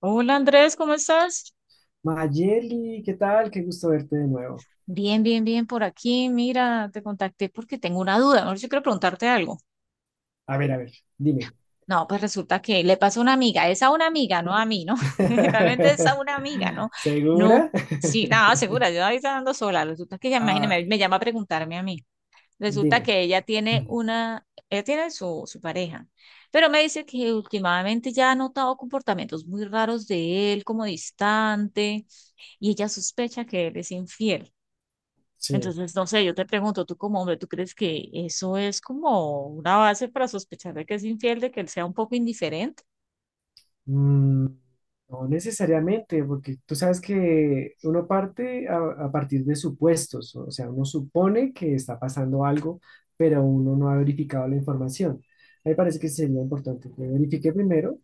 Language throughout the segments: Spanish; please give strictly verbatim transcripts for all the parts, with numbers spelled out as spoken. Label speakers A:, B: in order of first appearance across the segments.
A: Hola Andrés, ¿cómo estás?
B: Mayeli, ¿qué tal? Qué gusto verte de nuevo.
A: Bien, bien, bien por aquí. Mira, te contacté porque tengo una duda. No sé si quiero preguntarte algo.
B: A ver, a ver, dime.
A: No, pues resulta que le pasó a una amiga. Es a una amiga, no a mí, ¿no? Realmente es a una amiga, ¿no? No,
B: ¿Segura?
A: sí, nada, segura. Yo ahí está andando sola. Resulta que ella, imagínate, me,
B: Ah,
A: me llama a preguntarme a mí. Resulta
B: dime.
A: que ella tiene una, ella tiene su, su pareja, pero me dice que últimamente ya ha notado comportamientos muy raros de él, como distante, y ella sospecha que él es infiel.
B: Sí.
A: Entonces, no sé, yo te pregunto, tú como hombre, ¿tú crees que eso es como una base para sospechar de que es infiel, de que él sea un poco indiferente?
B: Mm, no necesariamente, porque tú sabes que uno parte a, a partir de supuestos, o sea, uno supone que está pasando algo, pero uno no ha verificado la información. A mí me parece que sí sería importante que verifique primero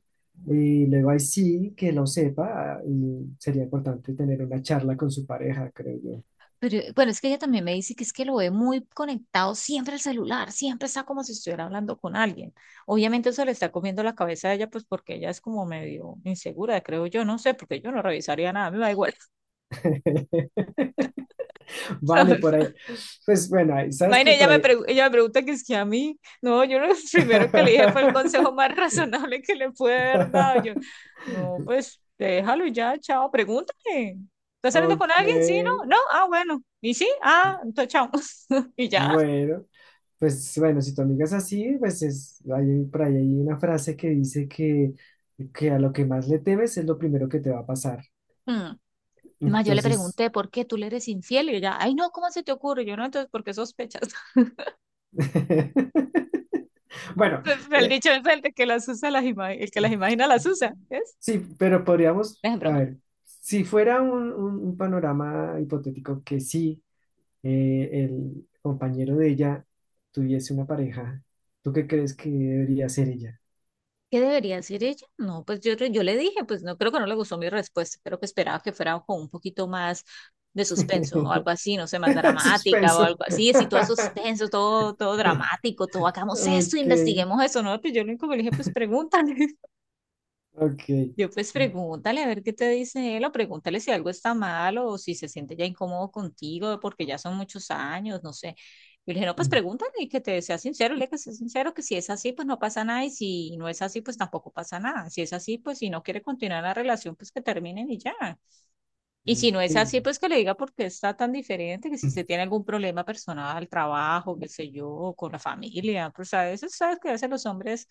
B: y luego ahí sí que lo sepa ah, y sería importante tener una charla con su pareja, creo yo.
A: Pero bueno, es que ella también me dice que es que lo ve muy conectado siempre al celular, siempre está como si estuviera hablando con alguien. Obviamente eso le está comiendo la cabeza a ella, pues porque ella es como medio insegura, creo yo, no sé, porque yo no revisaría nada, me da igual.
B: Vale, por ahí. Pues bueno, ahí- sabes
A: Imagínate,
B: que
A: ella
B: por
A: me,
B: ahí.
A: pregu- ella me pregunta que es que a mí, no, yo lo primero que le dije fue el consejo más razonable que le pude haber dado. Yo, no, pues déjalo y ya, chao, pregúntale. ¿Estás saliendo con
B: Ok,
A: alguien? Sí, no, no, ah, bueno. ¿Y sí? Ah, entonces chao. Y ya.
B: bueno. Pues bueno, si tu amiga es así, pues es, hay, por ahí hay una frase que dice que, que a lo que más le temes es lo primero que te va a pasar.
A: Mm. Más yo le
B: Entonces,
A: pregunté, ¿por qué tú le eres infiel? Y ella, ay, no, ¿cómo se te ocurre? Yo no, entonces, ¿por qué sospechas?
B: bueno,
A: El
B: eh,
A: dicho es el de que las usa, las ima- el que las imagina las usa, ¿ves?
B: sí, pero podríamos,
A: Es en
B: a
A: broma.
B: ver, si fuera un, un- un panorama hipotético que sí, eh, el compañero de ella tuviese una pareja, ¿tú qué crees que debería ser ella?
A: ¿Qué debería decir ella? No, pues yo, yo le dije, pues no creo que no le gustó mi respuesta, creo que esperaba que fuera con un poquito más de suspenso o algo así, no sé, más dramática o
B: Suspenso.
A: algo así, así todo suspenso, todo, todo dramático, todo hagamos esto,
B: Ok.
A: investiguemos eso, ¿no? Pues yo lo único que le dije, pues pregúntale.
B: Ok.
A: Yo pues pregúntale a ver qué te dice él o pregúntale si algo está mal o si se siente ya incómodo contigo porque ya son muchos años, no sé. Yo le dije, no, pues pregúntale y que te sea sincero, le que sea sincero, que si es así, pues no pasa nada y si no es así, pues tampoco pasa nada. Si es así, pues si no quiere continuar la relación, pues que terminen y ya. Y si no es así, pues que le diga por qué está tan diferente, que si se tiene algún problema personal, trabajo, qué sé yo, con la familia, pues a veces sabes que a veces los hombres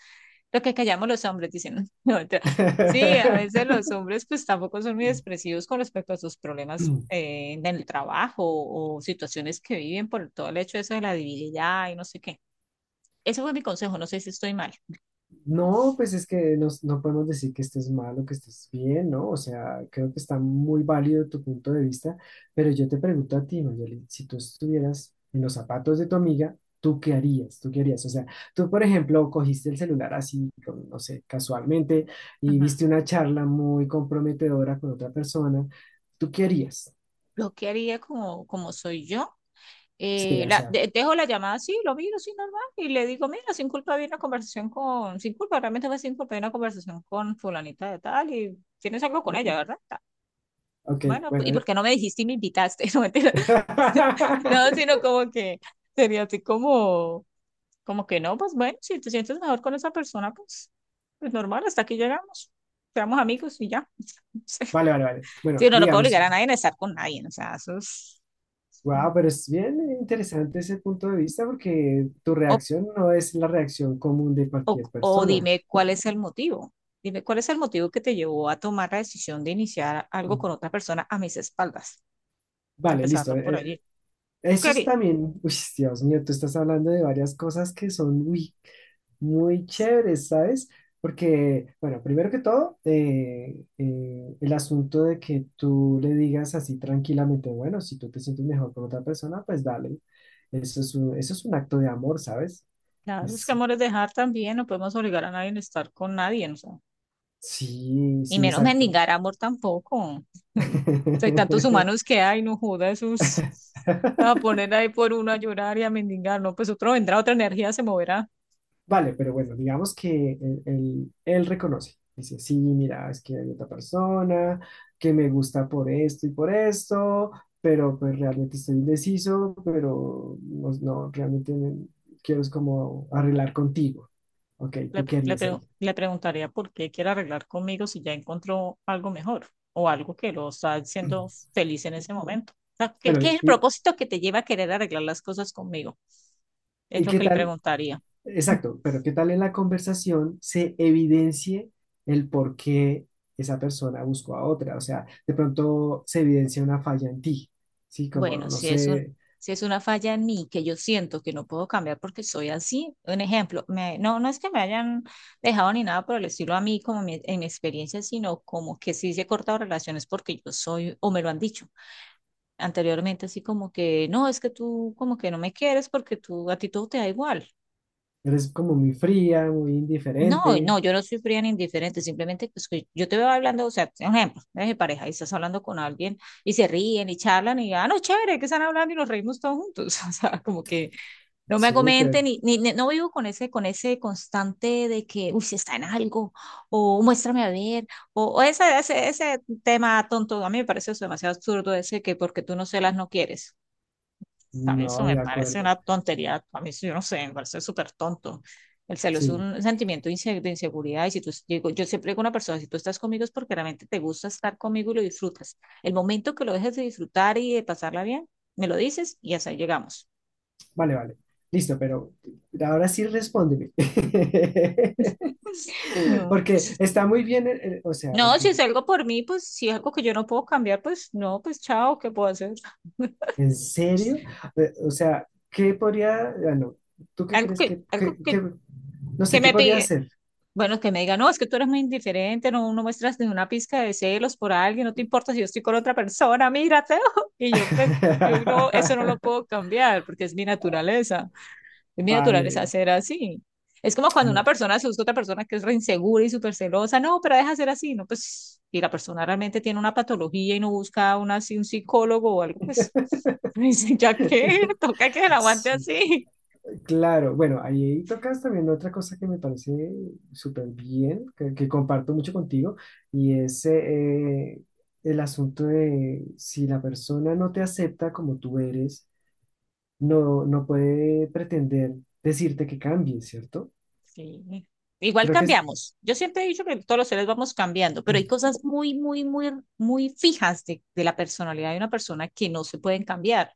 A: lo que callamos los hombres, dicen. No, mentira. Sí, a veces los hombres pues tampoco son muy expresivos con respecto a sus problemas eh, en el trabajo o situaciones que viven por todo el hecho de eso de la divinidad y no sé qué. Ese fue mi consejo, no sé si estoy mal.
B: No, pues es que nos- no, podemos decir que estés mal o que estés bien, ¿no? O sea, creo que está muy válido tu punto de vista, pero yo te pregunto a ti, Mayeli, si tú estuvieras en los zapatos de tu amiga, ¿tú qué harías? ¿Tú qué harías? O sea, tú, por ejemplo, cogiste el celular así, con- no sé, casualmente, y
A: Ujú.
B: viste una charla muy comprometedora con otra persona, ¿tú qué harías?
A: Lo que haría como, como soy yo,
B: Sí,
A: eh,
B: o
A: la,
B: sea,
A: de- dejo la llamada así, lo miro así normal y le digo, mira, sin culpa había una conversación con, sin culpa, realmente fue sin culpa, había una conversación con fulanita de tal y tienes algo con ella, ¿verdad? Ta.
B: ok,
A: Bueno, pues, ¿y
B: bueno,
A: por qué no me dijiste y me invitaste? No, No, sino como que sería así como, como que no, pues bueno, si te sientes mejor con esa persona, pues, pues normal, hasta aquí llegamos. Seamos amigos y ya.
B: Vale, vale, vale.
A: Sí,
B: Bueno,
A: no, no puedo
B: digamos,
A: obligar a nadie a estar con nadie, o sea, eso es... O,
B: wow, pero es bien interesante ese punto de vista porque tu reacción no es la reacción común de
A: o,
B: cualquier
A: o
B: persona.
A: dime cuál es el motivo. Dime cuál es el motivo que te llevó a tomar la decisión de iniciar algo con otra persona a mis espaldas,
B: Vale, listo.
A: empezando por allí.
B: eh,
A: ¿Tú
B: Eso es
A: querías?
B: también, uy, Dios mío, tú estás hablando de varias cosas que son muy, muy chéveres, ¿sabes? Porque, bueno, primero que todo, eh, eh, el asunto de que tú le digas así tranquilamente, bueno, si tú te sientes mejor con otra persona, pues dale. Eso es un, eso es un acto de amor, ¿sabes?
A: Claro, es que
B: Es,
A: amor es dejar también, no podemos obligar a nadie a estar con nadie, ¿no?
B: sí,
A: Y
B: sí,
A: menos
B: exacto.
A: mendigar amor tampoco. Hay tantos humanos que hay, no joda esos. A poner ahí por uno a llorar y a mendigar, no, pues otro vendrá, otra energía se moverá.
B: Vale, pero bueno, digamos que él, él- él reconoce. Dice, sí, mira, es que hay otra persona que me gusta por esto y por esto, pero pues realmente estoy indeciso, pero no, no, realmente me- quiero es como arreglar contigo. Ok,
A: Le,
B: ¿tú qué
A: le
B: harías ahí?
A: pre- le preguntaría por qué quiere arreglar conmigo si ya encontró algo mejor o algo que lo está haciendo feliz en ese momento. O sea, ¿qué,
B: Bueno,
A: qué es
B: ¿y,
A: el
B: y-
A: propósito que te lleva a querer arreglar las cosas conmigo? Es
B: y
A: lo
B: qué
A: que le
B: tal
A: preguntaría.
B: exacto, pero ¿qué tal en la conversación se evidencie el por qué esa persona buscó a otra? O sea, de pronto se evidencia una falla en ti, ¿sí? Como,
A: Bueno,
B: no
A: si es un,
B: sé,
A: si es una falla en mí que yo siento que no puedo cambiar porque soy así, un ejemplo, me- no, no es que me hayan dejado ni nada por el estilo a mí como mi- en mi experiencia, sino como que sí se he cortado relaciones porque yo soy, o me lo han dicho anteriormente, así como que no, es que tú como que no me quieres porque tú, a ti todo te da igual.
B: eres como muy fría, muy
A: No,
B: indiferente,
A: no, yo no soy fría ni indiferente, simplemente pues, que yo te veo hablando, o sea, un ejemplo, eres de pareja y estás hablando con alguien y se ríen y charlan y, ah, no, chévere, que están hablando y nos reímos todos juntos, o sea, como que no me comenten
B: súper,
A: ni, ni, ni- no vivo con ese, con ese constante de que, uy, si está en algo, o muéstrame a ver, o, o ese, ese, ese tema tonto, a mí me parece eso demasiado absurdo ese que porque tú no celas no quieres a mí eso
B: no,
A: me
B: de
A: parece
B: acuerdo,
A: una tontería, a mí eso yo no sé, me parece súper tonto. El celo es
B: sí,
A: un sentimiento de inse- de inseguridad y si tú, digo, yo siempre digo a una persona, si tú estás conmigo es porque realmente te gusta estar conmigo y lo disfrutas. El momento que lo dejes de disfrutar y de pasarla bien, me lo dices y hasta ahí llegamos.
B: vale, vale, listo, pero ahora sí respóndeme.
A: No,
B: Porque
A: pues,
B: está muy bien, eh, eh, o sea, lo
A: no,
B: que
A: si es algo por mí, pues si es algo que yo no puedo cambiar, pues no, pues chao, ¿qué puedo hacer?
B: ¿en serio? Eh, O sea, ¿qué podría, ah, no, ¿tú qué
A: Algo
B: crees
A: que,
B: que,
A: algo
B: que-
A: que,
B: que- no
A: que
B: sé, qué
A: me
B: podría
A: pide,
B: hacer?
A: Bueno, que me diga, no, es que tú eres muy indiferente, no, no muestras ni una pizca de celos por alguien, no te importa si yo estoy con otra persona, mírate. Y yo, pues, yo no, eso no lo puedo cambiar porque es mi naturaleza. Es mi naturaleza
B: Vale.
A: ser así. Es como cuando una persona se busca otra persona que es re insegura y súper celosa, no, pero deja ser así, no, pues, y la persona realmente tiene una patología y no busca una, así, un psicólogo o algo, pues, dice, ¿ya qué? Toca que la aguante
B: Sí,
A: así.
B: claro. Bueno, ahí tocas también otra cosa que me parece súper bien, que, que comparto mucho contigo, y es eh, el asunto de si la persona no te acepta como tú eres, no, no puede pretender decirte que cambies, ¿cierto?
A: Sí. Igual
B: Creo que es...
A: cambiamos. Yo siempre he dicho que todos los seres vamos cambiando, pero hay cosas muy, muy, muy, muy fijas de, de la personalidad de una persona que no se pueden cambiar.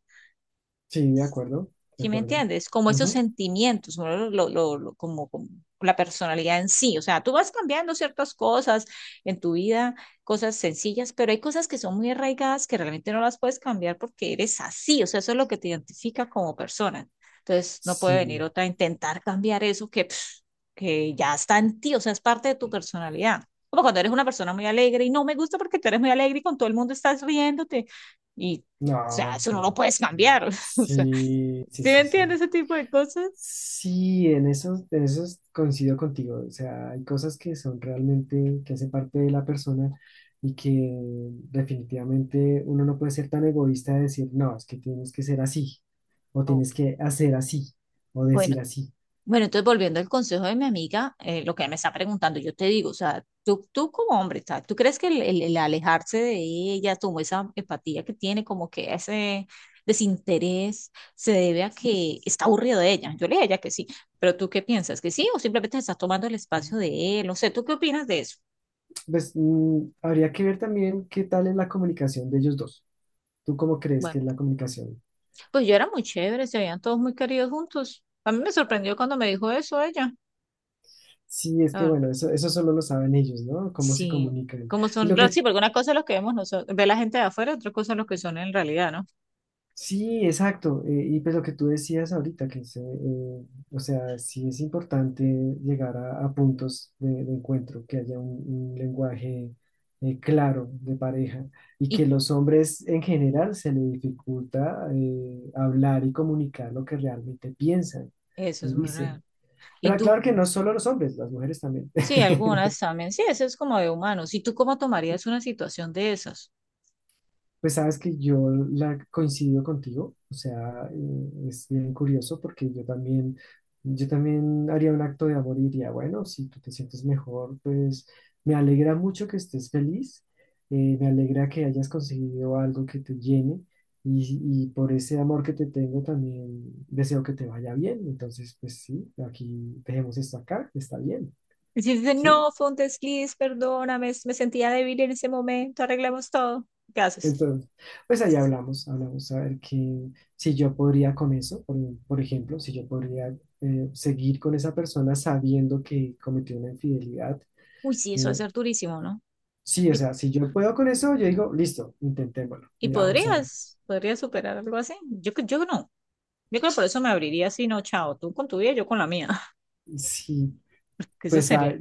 B: Sí, de acuerdo, de
A: ¿Sí me
B: acuerdo.
A: entiendes? Como esos
B: Ujú.
A: sentimientos, ¿no? Lo- lo- lo- lo- como, como la personalidad en sí. O sea, tú vas cambiando ciertas cosas en tu vida, cosas sencillas, pero hay cosas que son muy arraigadas que realmente no las puedes cambiar porque eres así. O sea, eso es lo que te identifica como persona. Entonces, no puede venir
B: Sí,
A: otra a intentar cambiar eso que, pf, que ya está en ti, o sea, es parte de tu personalidad. Como cuando eres una persona muy alegre y no me gusta porque tú eres muy alegre y con todo el mundo estás riéndote. Y, o sea,
B: no,
A: eso no lo
B: no.
A: puedes cambiar. O sea.
B: Sí, sí,
A: ¿Sí me
B: sí, sí.
A: entiendes ese tipo de cosas?
B: Sí, en eso, en eso coincido contigo. O sea, hay cosas que son realmente, que hacen parte de la persona y que definitivamente uno no puede ser tan egoísta de decir, no, es que tienes que ser así, o
A: Ok,
B: tienes que hacer así, o
A: bueno,
B: decir así.
A: bueno, entonces volviendo al consejo de mi amiga, eh, lo que ella me está preguntando, yo te digo, o sea, tú, tú como hombre, o sea, ¿tú crees que el, el- el alejarse de ella, como esa empatía que tiene, como que ese desinterés, se debe a que está aburrido de ella? Yo le diría a ella que sí, pero ¿tú qué piensas? ¿Que sí o simplemente estás tomando el espacio de él? No sé, ¿tú qué opinas de eso?
B: Pues mm, habría que ver también qué tal es la comunicación de ellos dos. ¿Tú cómo crees que
A: Bueno,
B: es la comunicación?
A: pues yo era muy chévere, se habían todos muy queridos juntos. A mí me sorprendió cuando me dijo eso ella.
B: Sí, es que bueno, eso, eso solo lo saben ellos, ¿no? Cómo se
A: Sí,
B: comunican.
A: como
B: Y
A: son,
B: lo
A: los-
B: que,
A: sí, porque una cosa es los que vemos nosotros, ve la gente de afuera, otra cosa es lo que son en realidad, ¿no?
B: sí, exacto. Eh, y pues lo que tú decías ahorita, que se, eh, o sea, sí es importante llegar a, a puntos de, de encuentro, que haya un, un lenguaje eh, claro de pareja y
A: Y
B: que los hombres en general se les dificulta eh, hablar y comunicar lo que realmente piensan
A: eso es
B: y
A: muy real.
B: dicen.
A: Y
B: Pero
A: tú,
B: claro que no solo los hombres, las mujeres también.
A: sí, algunas también, sí, eso es como de humanos. ¿Y tú cómo tomarías una situación de esas?
B: Pues sabes que yo la coincido contigo, o sea, eh, es bien curioso porque yo también, yo también haría un acto de amor y diría, bueno, si tú te sientes mejor, pues me alegra mucho que estés feliz, eh, me alegra que hayas conseguido algo que te llene y, y por ese amor que te tengo también deseo que te vaya bien, entonces pues sí, aquí dejemos esto acá, está bien,
A: Y si dicen,
B: ¿sí?
A: no, fue un desliz, perdóname, s- me sentía débil en ese momento, arreglemos todo. ¿Qué haces?
B: Entonces, pues ahí hablamos, hablamos a ver que, si yo podría con eso, por, por ejemplo, si yo podría eh, seguir con esa persona sabiendo que cometió una infidelidad.
A: Uy, sí, eso va a
B: eh,
A: ser durísimo, ¿no?
B: sí, o
A: Yo-
B: sea, si yo puedo con eso, yo digo, listo, intentémoslo.
A: Y
B: Mira, vamos a ver.
A: podrías, podrías superar algo así. Yo, cre- yo no. Yo creo que por eso me abriría así, no, chao, tú con tu vida, yo con la mía.
B: Sí,
A: Que eso
B: pues
A: sería.
B: la,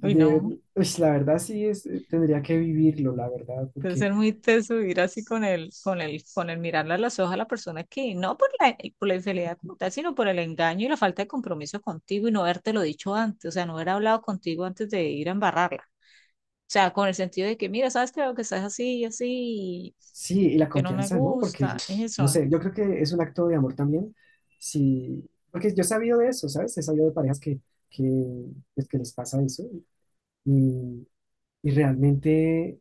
A: Uy, no.
B: uy, la verdad sí es, eh, tendría que vivirlo, la verdad,
A: Debe
B: porque
A: ser muy teso ir así con el, con el, con el mirarle a los ojos a la persona que, no por la, por la infidelidad como tal, sino por el engaño y la falta de compromiso contigo y no haberte lo dicho antes, o sea, no haber hablado contigo antes de ir a embarrarla. O sea, con el sentido de que, mira, sabes que veo que estás así y así,
B: sí,
A: y
B: y
A: como
B: la
A: que no me
B: confianza, ¿no? Porque,
A: gusta, es
B: no
A: eso.
B: sé, yo creo que es un acto de amor también. Sí, porque yo he sabido de eso, ¿sabes? He sabido de parejas que, que, pues, que les pasa eso y, y realmente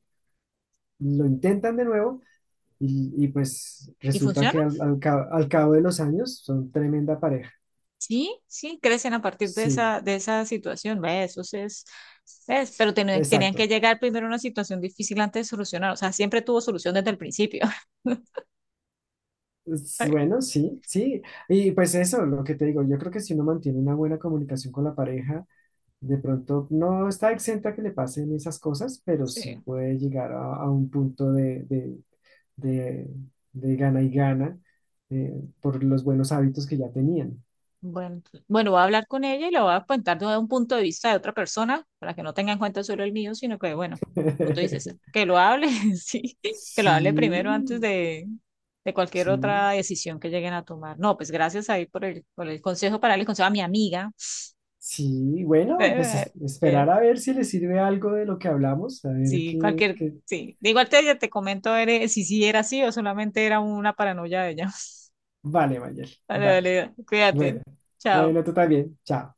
B: lo intentan de nuevo y, y pues
A: ¿Y
B: resulta
A: funciona?
B: que al, al ca- al cabo de los años son tremenda pareja.
A: Sí, sí, crecen a partir de
B: Sí,
A: esa, de esa situación, ¿ves? Eso sí es, ¿ves? Pero ten- tenían que
B: exacto.
A: llegar primero a una situación difícil antes de solucionar, o sea, siempre tuvo solución desde el principio.
B: Es bueno, sí, sí. Y pues eso, lo que te digo, yo creo que si uno mantiene una buena comunicación con la pareja, de pronto no está exenta que le pasen esas cosas, pero sí
A: Sí.
B: puede llegar a, a un punto de, de, de- de gana y gana eh, por los buenos hábitos que ya tenían.
A: Bueno, bueno, voy a hablar con ella y le voy a contar desde un punto de vista de otra persona, para que no tenga en cuenta solo el mío, sino que, bueno, como tú dices, que lo hable, sí, que lo hable primero antes
B: Sí,
A: de, de cualquier
B: sí,
A: otra decisión que lleguen a tomar. No, pues gracias ahí por el, por el consejo para darle consejo a mi amiga.
B: sí. Bueno, pues
A: Eh,
B: es-
A: eh,
B: esperar a ver si le sirve algo de lo que hablamos, a ver
A: Sí,
B: qué,
A: cualquier,
B: qué...
A: sí. De igual te, te comento eres, si sí era así o solamente era una paranoia de ella.
B: Vale, Mayel,
A: Vale,
B: dale.
A: vale, cuídate.
B: Bueno,
A: Chao.
B: bueno, tú también. Chao.